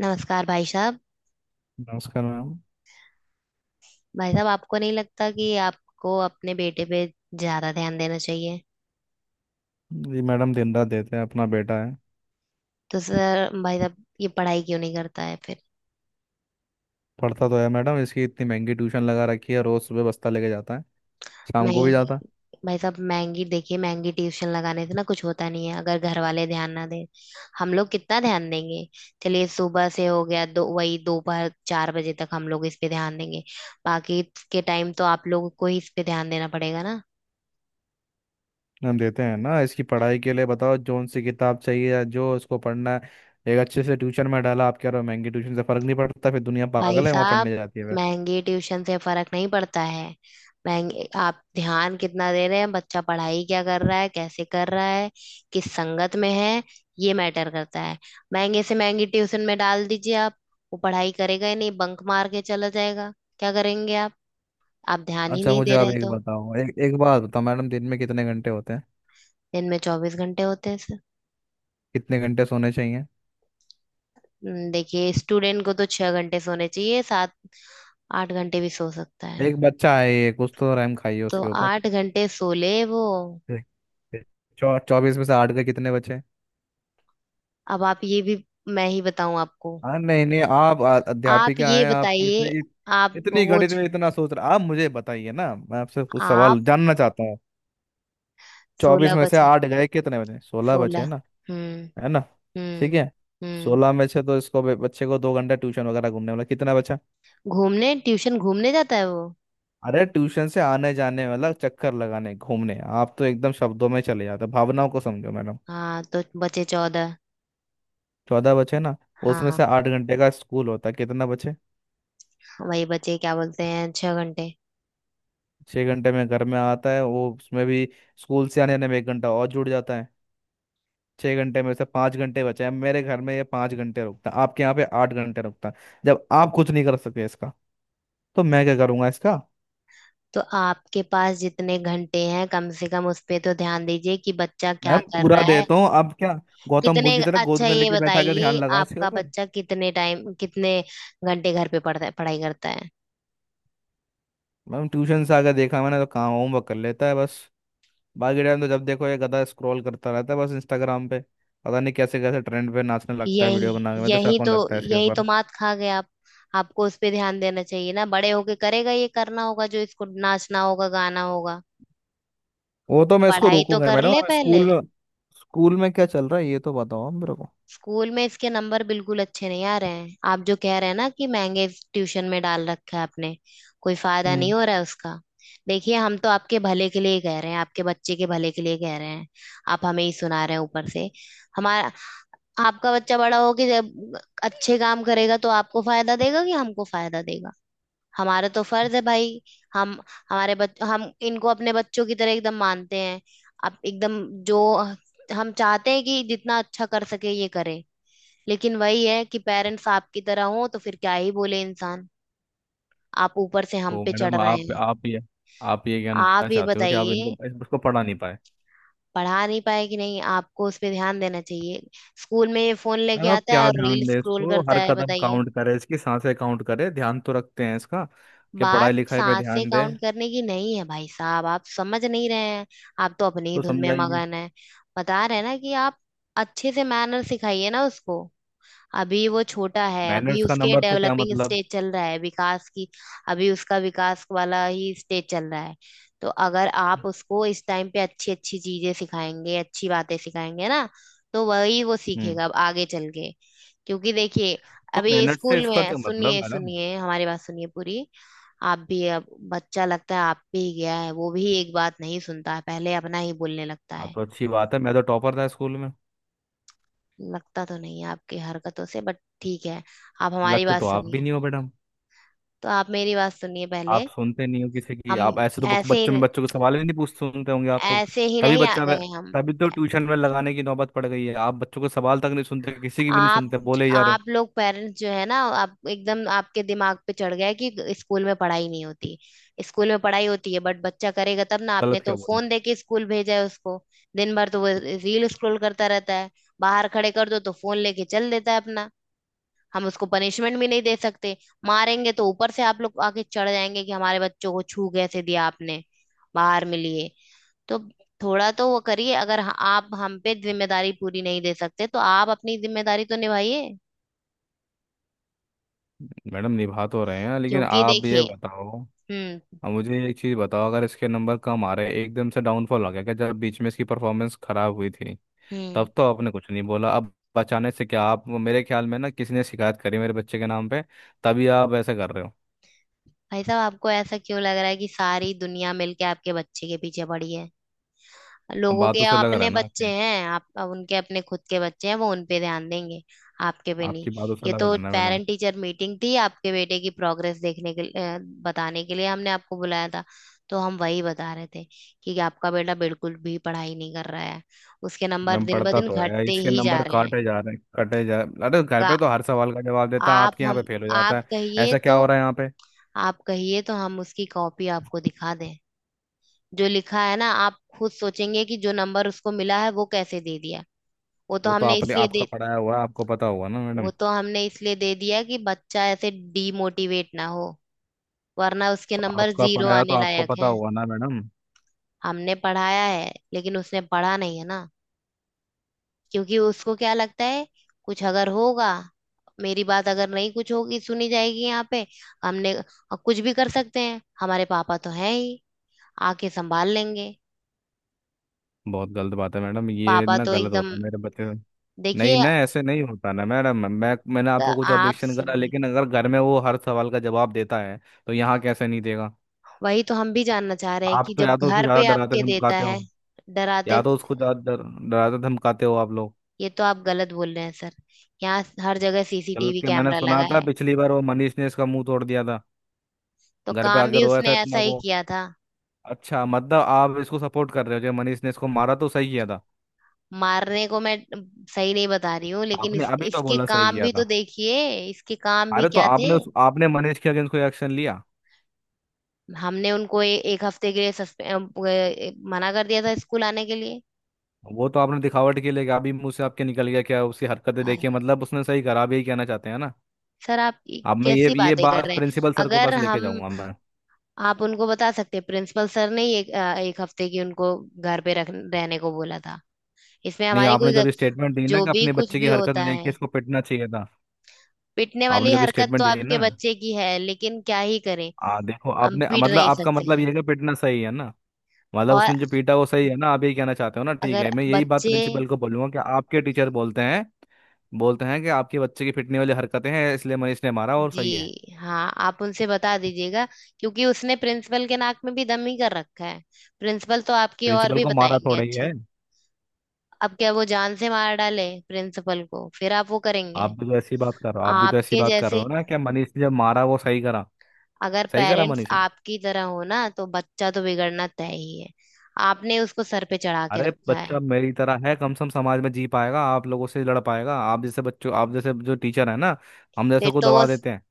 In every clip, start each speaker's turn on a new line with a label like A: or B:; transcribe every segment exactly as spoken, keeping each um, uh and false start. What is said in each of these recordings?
A: नमस्कार भाई साहब।
B: नमस्कार मैम।
A: भाई साहब, आपको नहीं लगता कि आपको अपने बेटे पे ज्यादा ध्यान देना चाहिए?
B: जी मैडम, दिन रात देते हैं, अपना बेटा है।
A: तो सर, भाई साहब, ये पढ़ाई क्यों नहीं करता है फिर?
B: पढ़ता तो है मैडम, इसकी इतनी महंगी ट्यूशन लगा रखी है। रोज सुबह बस्ता लेके जाता है, शाम को भी जाता है।
A: महंगी। भाई साहब, महंगी, देखिए महंगी ट्यूशन लगाने से ना कुछ होता नहीं है अगर घर वाले ध्यान ना दें। हम लोग कितना ध्यान देंगे। चलिए सुबह से हो गया दो वही दोपहर चार बजे तक हम लोग इस पे ध्यान देंगे। बाकी के टाइम तो आप लोगों को ही इस पे ध्यान देना पड़ेगा ना।
B: हम देते हैं ना इसकी पढ़ाई के लिए। बताओ जोन सी किताब चाहिए या जो इसको पढ़ना है। एक अच्छे से ट्यूशन में डाला। आप कह रहे हो महंगी ट्यूशन से फर्क नहीं पड़ता, फिर दुनिया
A: भाई
B: पागल है वहाँ
A: साहब,
B: पढ़ने जाती है फिर?
A: महंगी ट्यूशन से फर्क नहीं पड़ता है। महंगे, आप ध्यान कितना दे रहे हैं, बच्चा पढ़ाई क्या कर रहा है, कैसे कर रहा है, किस संगत में है, ये मैटर करता है। महंगे से महंगी ट्यूशन में डाल दीजिए आप, वो पढ़ाई करेगा ही नहीं, बंक मार के चला जाएगा। क्या करेंगे आप? आप ध्यान ही
B: अच्छा,
A: नहीं
B: मुझे
A: दे
B: आप
A: रहे
B: एक
A: तो।
B: बताओ, एक एक बात बताओ मैडम। दिन में कितने घंटे होते हैं?
A: दिन में चौबीस घंटे होते हैं सर।
B: कितने घंटे सोने चाहिए?
A: हम्म, देखिए स्टूडेंट को तो छह घंटे सोने चाहिए, सात आठ घंटे भी सो सकता है।
B: एक बच्चा है ये, कुछ तो रैम खाइए
A: तो
B: उसके ऊपर।
A: आठ घंटे सो ले वो।
B: ठीक, ठीक। चौ चौबीस में से आठ के कितने बचे?
A: अब आप ये भी मैं ही बताऊं आपको?
B: हाँ, नहीं, नहीं, आप आ-
A: आप
B: अध्यापिका
A: ये
B: हैं, आपको इतनी
A: बताइए,
B: इत-
A: आप
B: इतनी
A: वो,
B: गणित में इतना सोच रहा, आप मुझे बताइए ना। मैं आपसे कुछ
A: आप।
B: सवाल जानना चाहता हूँ। चौबीस
A: सोलह
B: में से
A: बचे,
B: आठ गए कितने बचे? सोलह बचे
A: सोलह।
B: ना?
A: हम्म।
B: है ना? ठीक
A: हम्म।
B: है।
A: हम्म।
B: सोलह में से तो इसको बे- बच्चे को दो घंटा ट्यूशन वगैरह घूमने वाला कितना बचा?
A: घूमने? ट्यूशन? घूमने जाता है वो?
B: अरे ट्यूशन से आने जाने वाला चक्कर लगाने घूमने, आप तो एकदम शब्दों में चले जाते हो। भावनाओं को समझो मैडम।
A: हाँ, तो बचे चौदह।
B: चौदह बचे ना? उसमें
A: हाँ।
B: से आठ घंटे का स्कूल होता है, कितना बचे?
A: वही बचे, क्या बोलते हैं, छह घंटे।
B: छह घंटे में घर में आता है वो, उसमें भी स्कूल से आने आने में एक घंटा और जुड़ जाता है। छः घंटे में से पाँच घंटे बचे हैं। मेरे घर में ये पाँच घंटे रुकता है, आपके यहाँ पे आठ घंटे रुकता है। जब आप कुछ नहीं कर सके इसका, तो मैं क्या करूंगा इसका?
A: तो आपके पास जितने घंटे हैं कम से कम उस पे तो ध्यान दीजिए कि बच्चा
B: मैम
A: क्या कर
B: पूरा
A: रहा है।
B: देता हूँ। अब क्या गौतम
A: कितने,
B: बुद्ध की तरह गोद
A: अच्छा
B: में
A: ये
B: लेके बैठा के ध्यान
A: बताइए,
B: लगाओ इसके
A: आपका
B: ऊपर?
A: बच्चा कितने टाइम, कितने घंटे घर पे पढ़ता है, पढ़ाई करता है?
B: मैम ट्यूशन से आकर देखा मैंने तो, कहाँ होमवर्क कर लेता है बस। बाकी टाइम तो जब देखो ये गधा स्क्रॉल करता रहता है बस इंस्टाग्राम पे। पता नहीं कैसे कैसे ट्रेंड पे नाचने लगता है
A: यही
B: वीडियो बना के। मैं तो
A: यही
B: शौक
A: तो
B: लगता है इसके
A: यही तो
B: ऊपर।
A: मात खा गए आप। आपको उस पे ध्यान देना चाहिए ना, बड़े होके करेगा ये, करना होगा जो इसको, नाचना होगा गाना होगा।
B: वो तो मैं इसको
A: पढ़ाई तो
B: रोकूंगा
A: कर
B: मैडम।
A: ले
B: हमें
A: पहले।
B: स्कूल में स्कूल में क्या चल रहा है ये तो बताओ आप मेरे को।
A: स्कूल में इसके नंबर बिल्कुल अच्छे नहीं आ रहे हैं। आप जो कह रहे हैं ना कि महंगे ट्यूशन में डाल रखा है आपने, कोई फायदा नहीं
B: हम्म।
A: हो रहा है उसका। देखिए, हम तो आपके भले के लिए ही कह रहे हैं, आपके बच्चे के भले के लिए कह रहे हैं। आप हमें ही सुना रहे हैं ऊपर से। हमारा। आपका बच्चा बड़ा हो के जब अच्छे काम करेगा तो आपको फायदा देगा कि हमको फायदा देगा? हमारा तो फर्ज है भाई। हम हमारे बच हम इनको अपने बच्चों की तरह एकदम मानते हैं। अब एकदम, जो हम चाहते हैं कि जितना अच्छा कर सके ये करे। लेकिन वही है कि पेरेंट्स आपकी तरह हो तो फिर क्या ही बोले इंसान। आप ऊपर से हम
B: तो
A: पे चढ़
B: मैडम,
A: रहे
B: आप
A: हैं।
B: आप ये आप ये
A: आप
B: कहना
A: ये
B: चाहते हो कि आप
A: बताइए,
B: इनको इसको पढ़ा नहीं पाए?
A: पढ़ा नहीं पाए कि नहीं, आपको उस पे ध्यान देना चाहिए। स्कूल में ये फोन लेके
B: मैडम आप
A: आता
B: क्या
A: है और रील
B: ध्यान दें
A: स्क्रॉल
B: इसको,
A: करता
B: हर
A: है,
B: कदम
A: बताइए।
B: काउंट करे, इसकी सांसें काउंट करे? ध्यान तो रखते हैं इसका कि
A: बात
B: पढ़ाई लिखाई पे
A: सांसें
B: ध्यान दे।
A: काउंट करने की नहीं है भाई साहब, आप समझ नहीं रहे हैं। आप तो अपनी ही
B: तो
A: धुन में
B: समझाइए।
A: मगन है। बता रहे हैं ना कि आप अच्छे से मैनर सिखाइए ना उसको। अभी वो छोटा है, अभी
B: मैनर्स का
A: उसके
B: नंबर से क्या
A: डेवलपिंग
B: मतलब?
A: स्टेज चल रहा है, विकास की। अभी उसका विकास वाला ही स्टेज चल रहा है। तो अगर आप उसको इस टाइम पे अच्छी अच्छी चीजें सिखाएंगे, अच्छी बातें सिखाएंगे ना, तो वही वो
B: हम्म।
A: सीखेगा अब आगे चल के। क्योंकि देखिए,
B: तो
A: अभी
B: मैनर्स से
A: स्कूल
B: इसका
A: में,
B: क्या मतलब
A: सुनिए,
B: मैडम?
A: सुनिए हमारी बात, सुनिए पूरी। आप भी अब बच्चा लगता है, आप भी गया है, वो भी एक बात नहीं सुनता है, पहले अपना ही बोलने लगता
B: हाँ,
A: है।
B: तो अच्छी बात है, मैं तो टॉपर था स्कूल में।
A: लगता तो नहीं है आपकी हरकतों से, बट ठीक है, आप हमारी
B: लगते
A: बात
B: तो आप भी
A: सुनिए।
B: नहीं हो मैडम।
A: तो आप मेरी बात सुनिए पहले।
B: आप सुनते नहीं हो किसी की,
A: हम
B: आप ऐसे तो बक-
A: ऐसे
B: बच्चों में
A: ही,
B: बच्चों के सवाल ही नहीं पूछ सुनते होंगे आप तो।
A: ऐसे ही
B: तभी
A: नहीं आ
B: बच्चा वे-
A: गए हम।
B: तभी तो ट्यूशन में लगाने की नौबत पड़ गई है। आप बच्चों के सवाल तक नहीं सुनते, किसी की भी नहीं
A: आप
B: सुनते, बोले ही जा रहे हो।
A: आप लोग पेरेंट्स जो है ना, आप एकदम, आपके दिमाग पे चढ़ गया है कि स्कूल में पढ़ाई नहीं होती। स्कूल में पढ़ाई होती है बट बच्चा करेगा तब ना, आपने
B: गलत
A: तो
B: क्या बोला?
A: फोन देके स्कूल भेजा है उसको। दिन भर तो वो रील स्क्रॉल करता रहता है। बाहर खड़े कर दो तो फोन लेके चल देता है अपना। हम उसको पनिशमेंट भी नहीं दे सकते। मारेंगे तो ऊपर से आप लोग आके चढ़ जाएंगे कि हमारे बच्चों को छू कैसे दिया आपने। बाहर मिलिए। तो थोड़ा तो वो करिए, अगर ह- आप हम पे जिम्मेदारी पूरी नहीं दे सकते तो आप अपनी जिम्मेदारी तो निभाइए।
B: मैडम निभा तो रहे हैं, लेकिन
A: क्योंकि
B: आप ये
A: देखिए।
B: बताओ।
A: हम्म।
B: अब मुझे एक चीज़ बताओ, अगर इसके नंबर कम आ रहे हैं, एकदम से डाउनफॉल हो गया क्या, जब बीच में इसकी परफॉर्मेंस खराब हुई थी?
A: हम्म।
B: तब तो आपने कुछ नहीं बोला, अब बचाने से क्या? आप मेरे ख्याल में ना, किसी ने शिकायत करी मेरे बच्चे के नाम पे तभी आप ऐसा कर रहे हो।
A: भाई साहब, आपको ऐसा क्यों लग रहा है कि सारी दुनिया मिलके आपके बच्चे के पीछे पड़ी है?
B: अब
A: लोगों के
B: बातों से लग रहा
A: अपने
B: है ना।
A: बच्चे हैं, आप अब, उनके अपने खुद के बच्चे हैं, वो उन पे ध्यान देंगे, आपके पे नहीं।
B: आपकी बातों से
A: ये
B: लग रहा
A: तो
B: है ना मैडम।
A: पेरेंट टीचर मीटिंग थी आपके बेटे की प्रोग्रेस देखने के लिए, अ, बताने के लिए हमने आपको बुलाया था। तो हम वही बता रहे थे कि आपका बेटा बिल्कुल भी पढ़ाई नहीं कर रहा है। उसके नंबर
B: मैम
A: दिन ब
B: पढ़ता
A: दिन
B: तो है,
A: घटते
B: इसके
A: ही जा
B: नंबर
A: रहे हैं।
B: काटे जा रहे हैं, कटे जा अरे घर
A: का-
B: पे तो हर सवाल का जवाब देता है,
A: आप
B: आपके यहाँ
A: हम
B: पे फेल हो
A: आप
B: जाता है।
A: कहिए
B: ऐसा क्या
A: तो
B: हो रहा है यहाँ पे?
A: आप कहिए तो हम उसकी कॉपी आपको दिखा दें। जो लिखा है ना, आप खुद सोचेंगे कि जो नंबर उसको मिला है वो कैसे दे दिया। वो तो
B: वो तो
A: हमने
B: आपने
A: इसलिए
B: आपका
A: दे
B: पढ़ाया हुआ है, आपको पता हुआ ना
A: वो
B: मैडम।
A: तो हमने इसलिए दे दिया कि बच्चा ऐसे डीमोटिवेट ना हो। वरना उसके
B: तो
A: नंबर
B: आपका
A: जीरो
B: पढ़ाया तो
A: आने
B: आपको
A: लायक
B: पता
A: हैं।
B: हुआ ना मैडम।
A: हमने पढ़ाया है लेकिन उसने पढ़ा नहीं है ना। क्योंकि उसको क्या लगता है, कुछ अगर होगा, मेरी बात अगर नहीं कुछ होगी सुनी जाएगी यहाँ पे, हमने, अ, कुछ भी कर सकते हैं, हमारे पापा तो हैं ही, आके संभाल लेंगे।
B: बहुत गलत बात है मैडम, ये
A: पापा
B: ना
A: तो
B: गलत हो
A: एकदम,
B: रहा है मेरे बच्चे से। नहीं
A: देखिए,
B: ना, ऐसे नहीं होता ना मैडम, मैं मैंने
A: अ,
B: आपको कुछ
A: आप
B: ऑब्जेक्शन करा
A: सुनिए।
B: लेकिन अगर घर में वो हर सवाल का जवाब देता है तो यहाँ कैसे नहीं देगा?
A: वही तो हम भी जानना चाह रहे हैं
B: आप
A: कि
B: तो
A: जब
B: या तो उसको
A: घर
B: ज्यादा
A: पे
B: डराते
A: आपके देता
B: धमकाते
A: है।
B: हो,
A: डराते?
B: या तो उसको ज्यादा डर- डराते धमकाते हो आप लोग।
A: ये तो आप गलत बोल रहे हैं सर। यहाँ हर जगह
B: गलत
A: सी सी टी वी
B: के मैंने
A: कैमरा
B: सुना
A: लगा
B: था,
A: है।
B: पिछली बार वो मनीष ने इसका मुंह तोड़ दिया था।
A: तो
B: घर पे
A: काम
B: आके
A: भी
B: रोया था
A: उसने ऐसा
B: इतना
A: ही
B: वो।
A: किया था।
B: अच्छा, मतलब आप इसको सपोर्ट कर रहे हो, जो मनीष ने इसको मारा तो सही किया था?
A: मारने को मैं सही नहीं बता रही हूँ, लेकिन
B: आपने
A: इस,
B: अभी तो
A: इसके
B: बोला सही
A: काम
B: किया
A: भी तो
B: था।
A: देखिए। इसके काम भी
B: अरे तो
A: क्या थे।
B: आपने उस आपने मनीष के अगेंस्ट कोई एक्शन लिया?
A: हमने उनको ए, एक हफ्ते के लिए सस्पे- अ, अ, मना कर दिया था स्कूल आने के लिए।
B: वो तो आपने दिखावट के लिए किया, अभी मुंह से आपके निकल गया, क्या उसकी हरकतें देखिए
A: हाँ।
B: मतलब उसने सही करा, आप यही कहना चाहते हैं ना?
A: सर, आप ये
B: अब मैं ये
A: कैसी
B: ये
A: बातें कर
B: बात
A: रहे हैं?
B: प्रिंसिपल सर को
A: अगर
B: पास लेके
A: हम,
B: जाऊंगा मैं।
A: आप उनको बता सकते हैं, प्रिंसिपल सर ने ही एक, अ, एक हफ्ते की उनको घर पे रख, रहने को बोला था। इसमें
B: नहीं,
A: हमारी
B: आपने
A: कोई गल-।
B: जब स्टेटमेंट दी ना
A: जो
B: कि
A: भी
B: अपने
A: कुछ
B: बच्चे की
A: भी होता
B: हरकतें देख के
A: है।
B: इसको पिटना चाहिए था।
A: पिटने वाली
B: आपने जब
A: हरकत तो
B: स्टेटमेंट दी
A: आपके
B: ना,
A: बच्चे की है, लेकिन क्या ही करें।
B: आ, देखो
A: हम
B: आपने
A: पीट
B: मतलब
A: नहीं
B: आपका
A: सकते
B: मतलब ये
A: हैं।
B: है कि पिटना सही है ना? मतलब
A: और
B: उसने जो पीटा वो सही है ना, आप यही कहना चाहते हो ना? ठीक
A: अगर
B: है, मैं यही बात
A: बच्चे।
B: प्रिंसिपल को बोलूंगा कि आपके टीचर बोलते हैं बोलते हैं कि आपके बच्चे की पिटने वाली हरकतें हैं, इसलिए मनीष ने मारा और सही है।
A: जी हाँ, आप उनसे बता दीजिएगा। क्योंकि उसने प्रिंसिपल के नाक में भी दम ही कर रखा है। प्रिंसिपल तो आपकी और
B: प्रिंसिपल
A: भी
B: को मारा
A: बताएंगे
B: थोड़ा ही
A: अच्छे।
B: है।
A: अब क्या, वो जान से मार डाले प्रिंसिपल को, फिर आप वो
B: आप
A: करेंगे?
B: भी तो ऐसी बात कर रहे हो आप भी तो ऐसी
A: आपके
B: बात कर रहे
A: जैसे,
B: हो ना कि मनीष ने जब मारा वो सही करा।
A: अगर
B: सही करा
A: पेरेंट्स
B: मनीष ने।
A: आपकी तरह हो ना, तो बच्चा तो बिगड़ना तय ही है। आपने उसको सर पे चढ़ा के
B: अरे
A: रखा
B: बच्चा
A: है।
B: मेरी तरह है, कम से कम समाज में जी पाएगा, आप लोगों से लड़ पाएगा, आप जैसे बच्चों आप जैसे जो टीचर है ना हम जैसे
A: फिर
B: को
A: तो वो,
B: दबा देते हैं।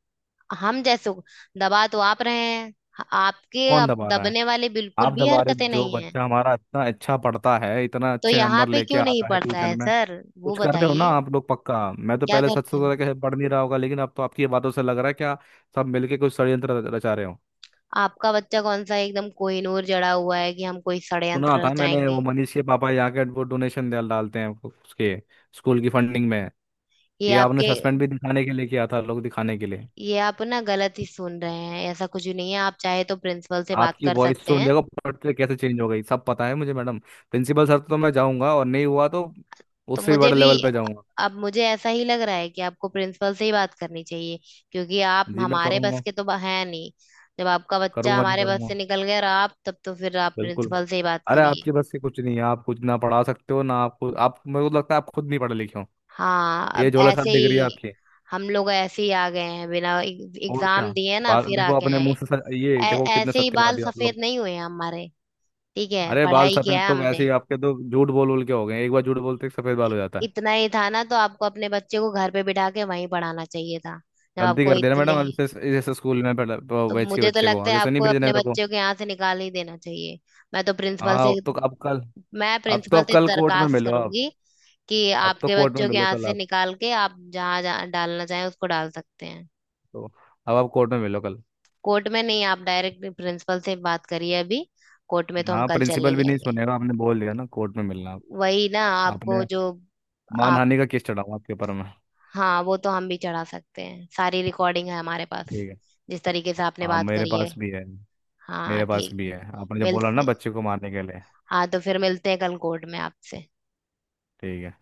A: हम जैसों को दबा तो आप रहे हैं। आपके
B: कौन
A: अब
B: दबा रहा है?
A: दबने वाले बिल्कुल
B: आप
A: भी
B: हमारे,
A: हरकतें
B: जो
A: नहीं है।
B: बच्चा हमारा इतना अच्छा पढ़ता है, इतना
A: तो
B: अच्छे
A: यहाँ
B: नंबर
A: पे
B: लेके
A: क्यों नहीं
B: आता है
A: पड़ता
B: ट्यूशन
A: है
B: में।
A: सर, वो
B: कुछ कर रहे हो ना
A: बताइए,
B: आप लोग पक्का, मैं तो
A: क्या
B: पहले सच
A: करते हैं।
B: सोचा था कि पढ़ नहीं रहा होगा, लेकिन अब तो आपकी ये बातों से लग रहा है क्या सब मिलके कुछ षड्यंत्र रच- रचा रहे हो?
A: आपका बच्चा कौन सा एकदम कोहिनूर जड़ा हुआ है कि हम कोई
B: सुना
A: षड्यंत्र
B: था मैंने
A: रचाएंगे?
B: वो मनीष के पापा यहाँ के वो डोनेशन डाल डालते हैं उसके स्कूल की फंडिंग में।
A: ये
B: ये आपने
A: आपके
B: सस्पेंड भी दिखाने के लिए किया था, लोग दिखाने के लिए।
A: ये आप ना गलत ही सुन रहे हैं, ऐसा कुछ भी नहीं है, आप चाहे तो प्रिंसिपल से बात
B: आपकी
A: कर
B: वॉइस
A: सकते
B: सुन
A: हैं।
B: देखो पढ़ते कैसे चेंज हो गई, सब पता है मुझे मैडम। प्रिंसिपल सर तो मैं जाऊंगा, और नहीं हुआ तो
A: तो
B: उससे भी
A: मुझे
B: बड़े
A: भी
B: लेवल पे जाऊंगा।
A: अब मुझे ऐसा ही लग रहा है कि आपको प्रिंसिपल से ही बात करनी चाहिए। क्योंकि आप
B: जी मैं
A: हमारे बस
B: करूंगा।
A: के तो है नहीं। जब आपका बच्चा
B: करूंगा नहीं
A: हमारे बस से
B: करूंगा,
A: निकल गया और आप, तब तो फिर आप
B: बिल्कुल।
A: प्रिंसिपल से ही बात
B: अरे
A: करिए।
B: आपके बस से कुछ नहीं है, आप कुछ ना पढ़ा सकते हो ना आपको, आप मेरे को लगता है आप खुद नहीं पढ़े लिखे हो।
A: हाँ, अब
B: ये झोला छाप
A: ऐसे
B: डिग्री है
A: ही
B: आपकी।
A: हम लोग ऐसे ही आ गए हैं, बिना
B: और
A: एग्जाम
B: क्या।
A: दिए ना,
B: बाल
A: फिर आ
B: देखो
A: गए
B: अपने
A: हैं।
B: मुंह से सच- ये
A: ऐ-
B: देखो कितने
A: ऐसे ही बाल
B: सत्यवादी हो आप
A: सफेद
B: लोग।
A: नहीं हुए हैं हमारे। ठीक है,
B: अरे बाल
A: पढ़ाई किया
B: सफेद
A: है
B: तो वैसे
A: हमने।
B: ही आपके तो झूठ बोल बोल के हो गए, एक बार झूठ बोलते ही सफेद बाल हो जाता है।
A: इतना ही था ना तो आपको अपने बच्चे को घर पे बिठा के वहीं पढ़ाना चाहिए था। जब
B: गलती
A: आपको
B: कर देना
A: इतने,
B: मैडम, अब इसे इसे स्कूल में पढ़ा- प-
A: तो
B: भेज के
A: मुझे तो
B: बच्चे को
A: लगता है
B: आगे से नहीं
A: आपको
B: भेजने
A: अपने
B: रखो।
A: बच्चे को यहाँ से निकाल ही देना चाहिए। मैं तो प्रिंसिपल
B: हाँ,
A: से
B: अब तो अब कल
A: मैं
B: अब तो
A: प्रिंसिपल
B: आप
A: से
B: कल कोर्ट में
A: दरखास्त
B: मिलो आप।
A: करूंगी कि
B: अब तो
A: आपके
B: कोर्ट में
A: बच्चों के
B: मिलो
A: यहाँ
B: कल
A: से
B: आप
A: निकाल के आप जहाँ जहाँ डालना चाहें उसको डाल सकते हैं।
B: तो। अब आप कोर्ट में मिलो कल।
A: कोर्ट में नहीं, आप डायरेक्ट प्रिंसिपल से बात करिए अभी। कोर्ट में तो हम
B: हाँ,
A: कल चल नहीं
B: प्रिंसिपल भी नहीं
A: जाएंगे।
B: सुनेगा, आपने बोल दिया ना कोर्ट में मिलना आप।
A: वही ना, आपको
B: आपने
A: जो आप।
B: मानहानि का केस चढ़ाऊंगा आपके ऊपर मैं।
A: हाँ, वो तो हम भी चढ़ा सकते हैं, सारी रिकॉर्डिंग है हमारे पास।
B: ठीक है।
A: जिस तरीके से आपने
B: हाँ,
A: बात
B: मेरे
A: करी है।
B: पास भी है
A: हाँ
B: मेरे पास
A: ठीक
B: भी
A: है।
B: है, आपने जब
A: मिल
B: बोला ना बच्चे को मारने के लिए।
A: हाँ तो फिर मिलते हैं कल कोर्ट में आपसे।
B: ठीक है।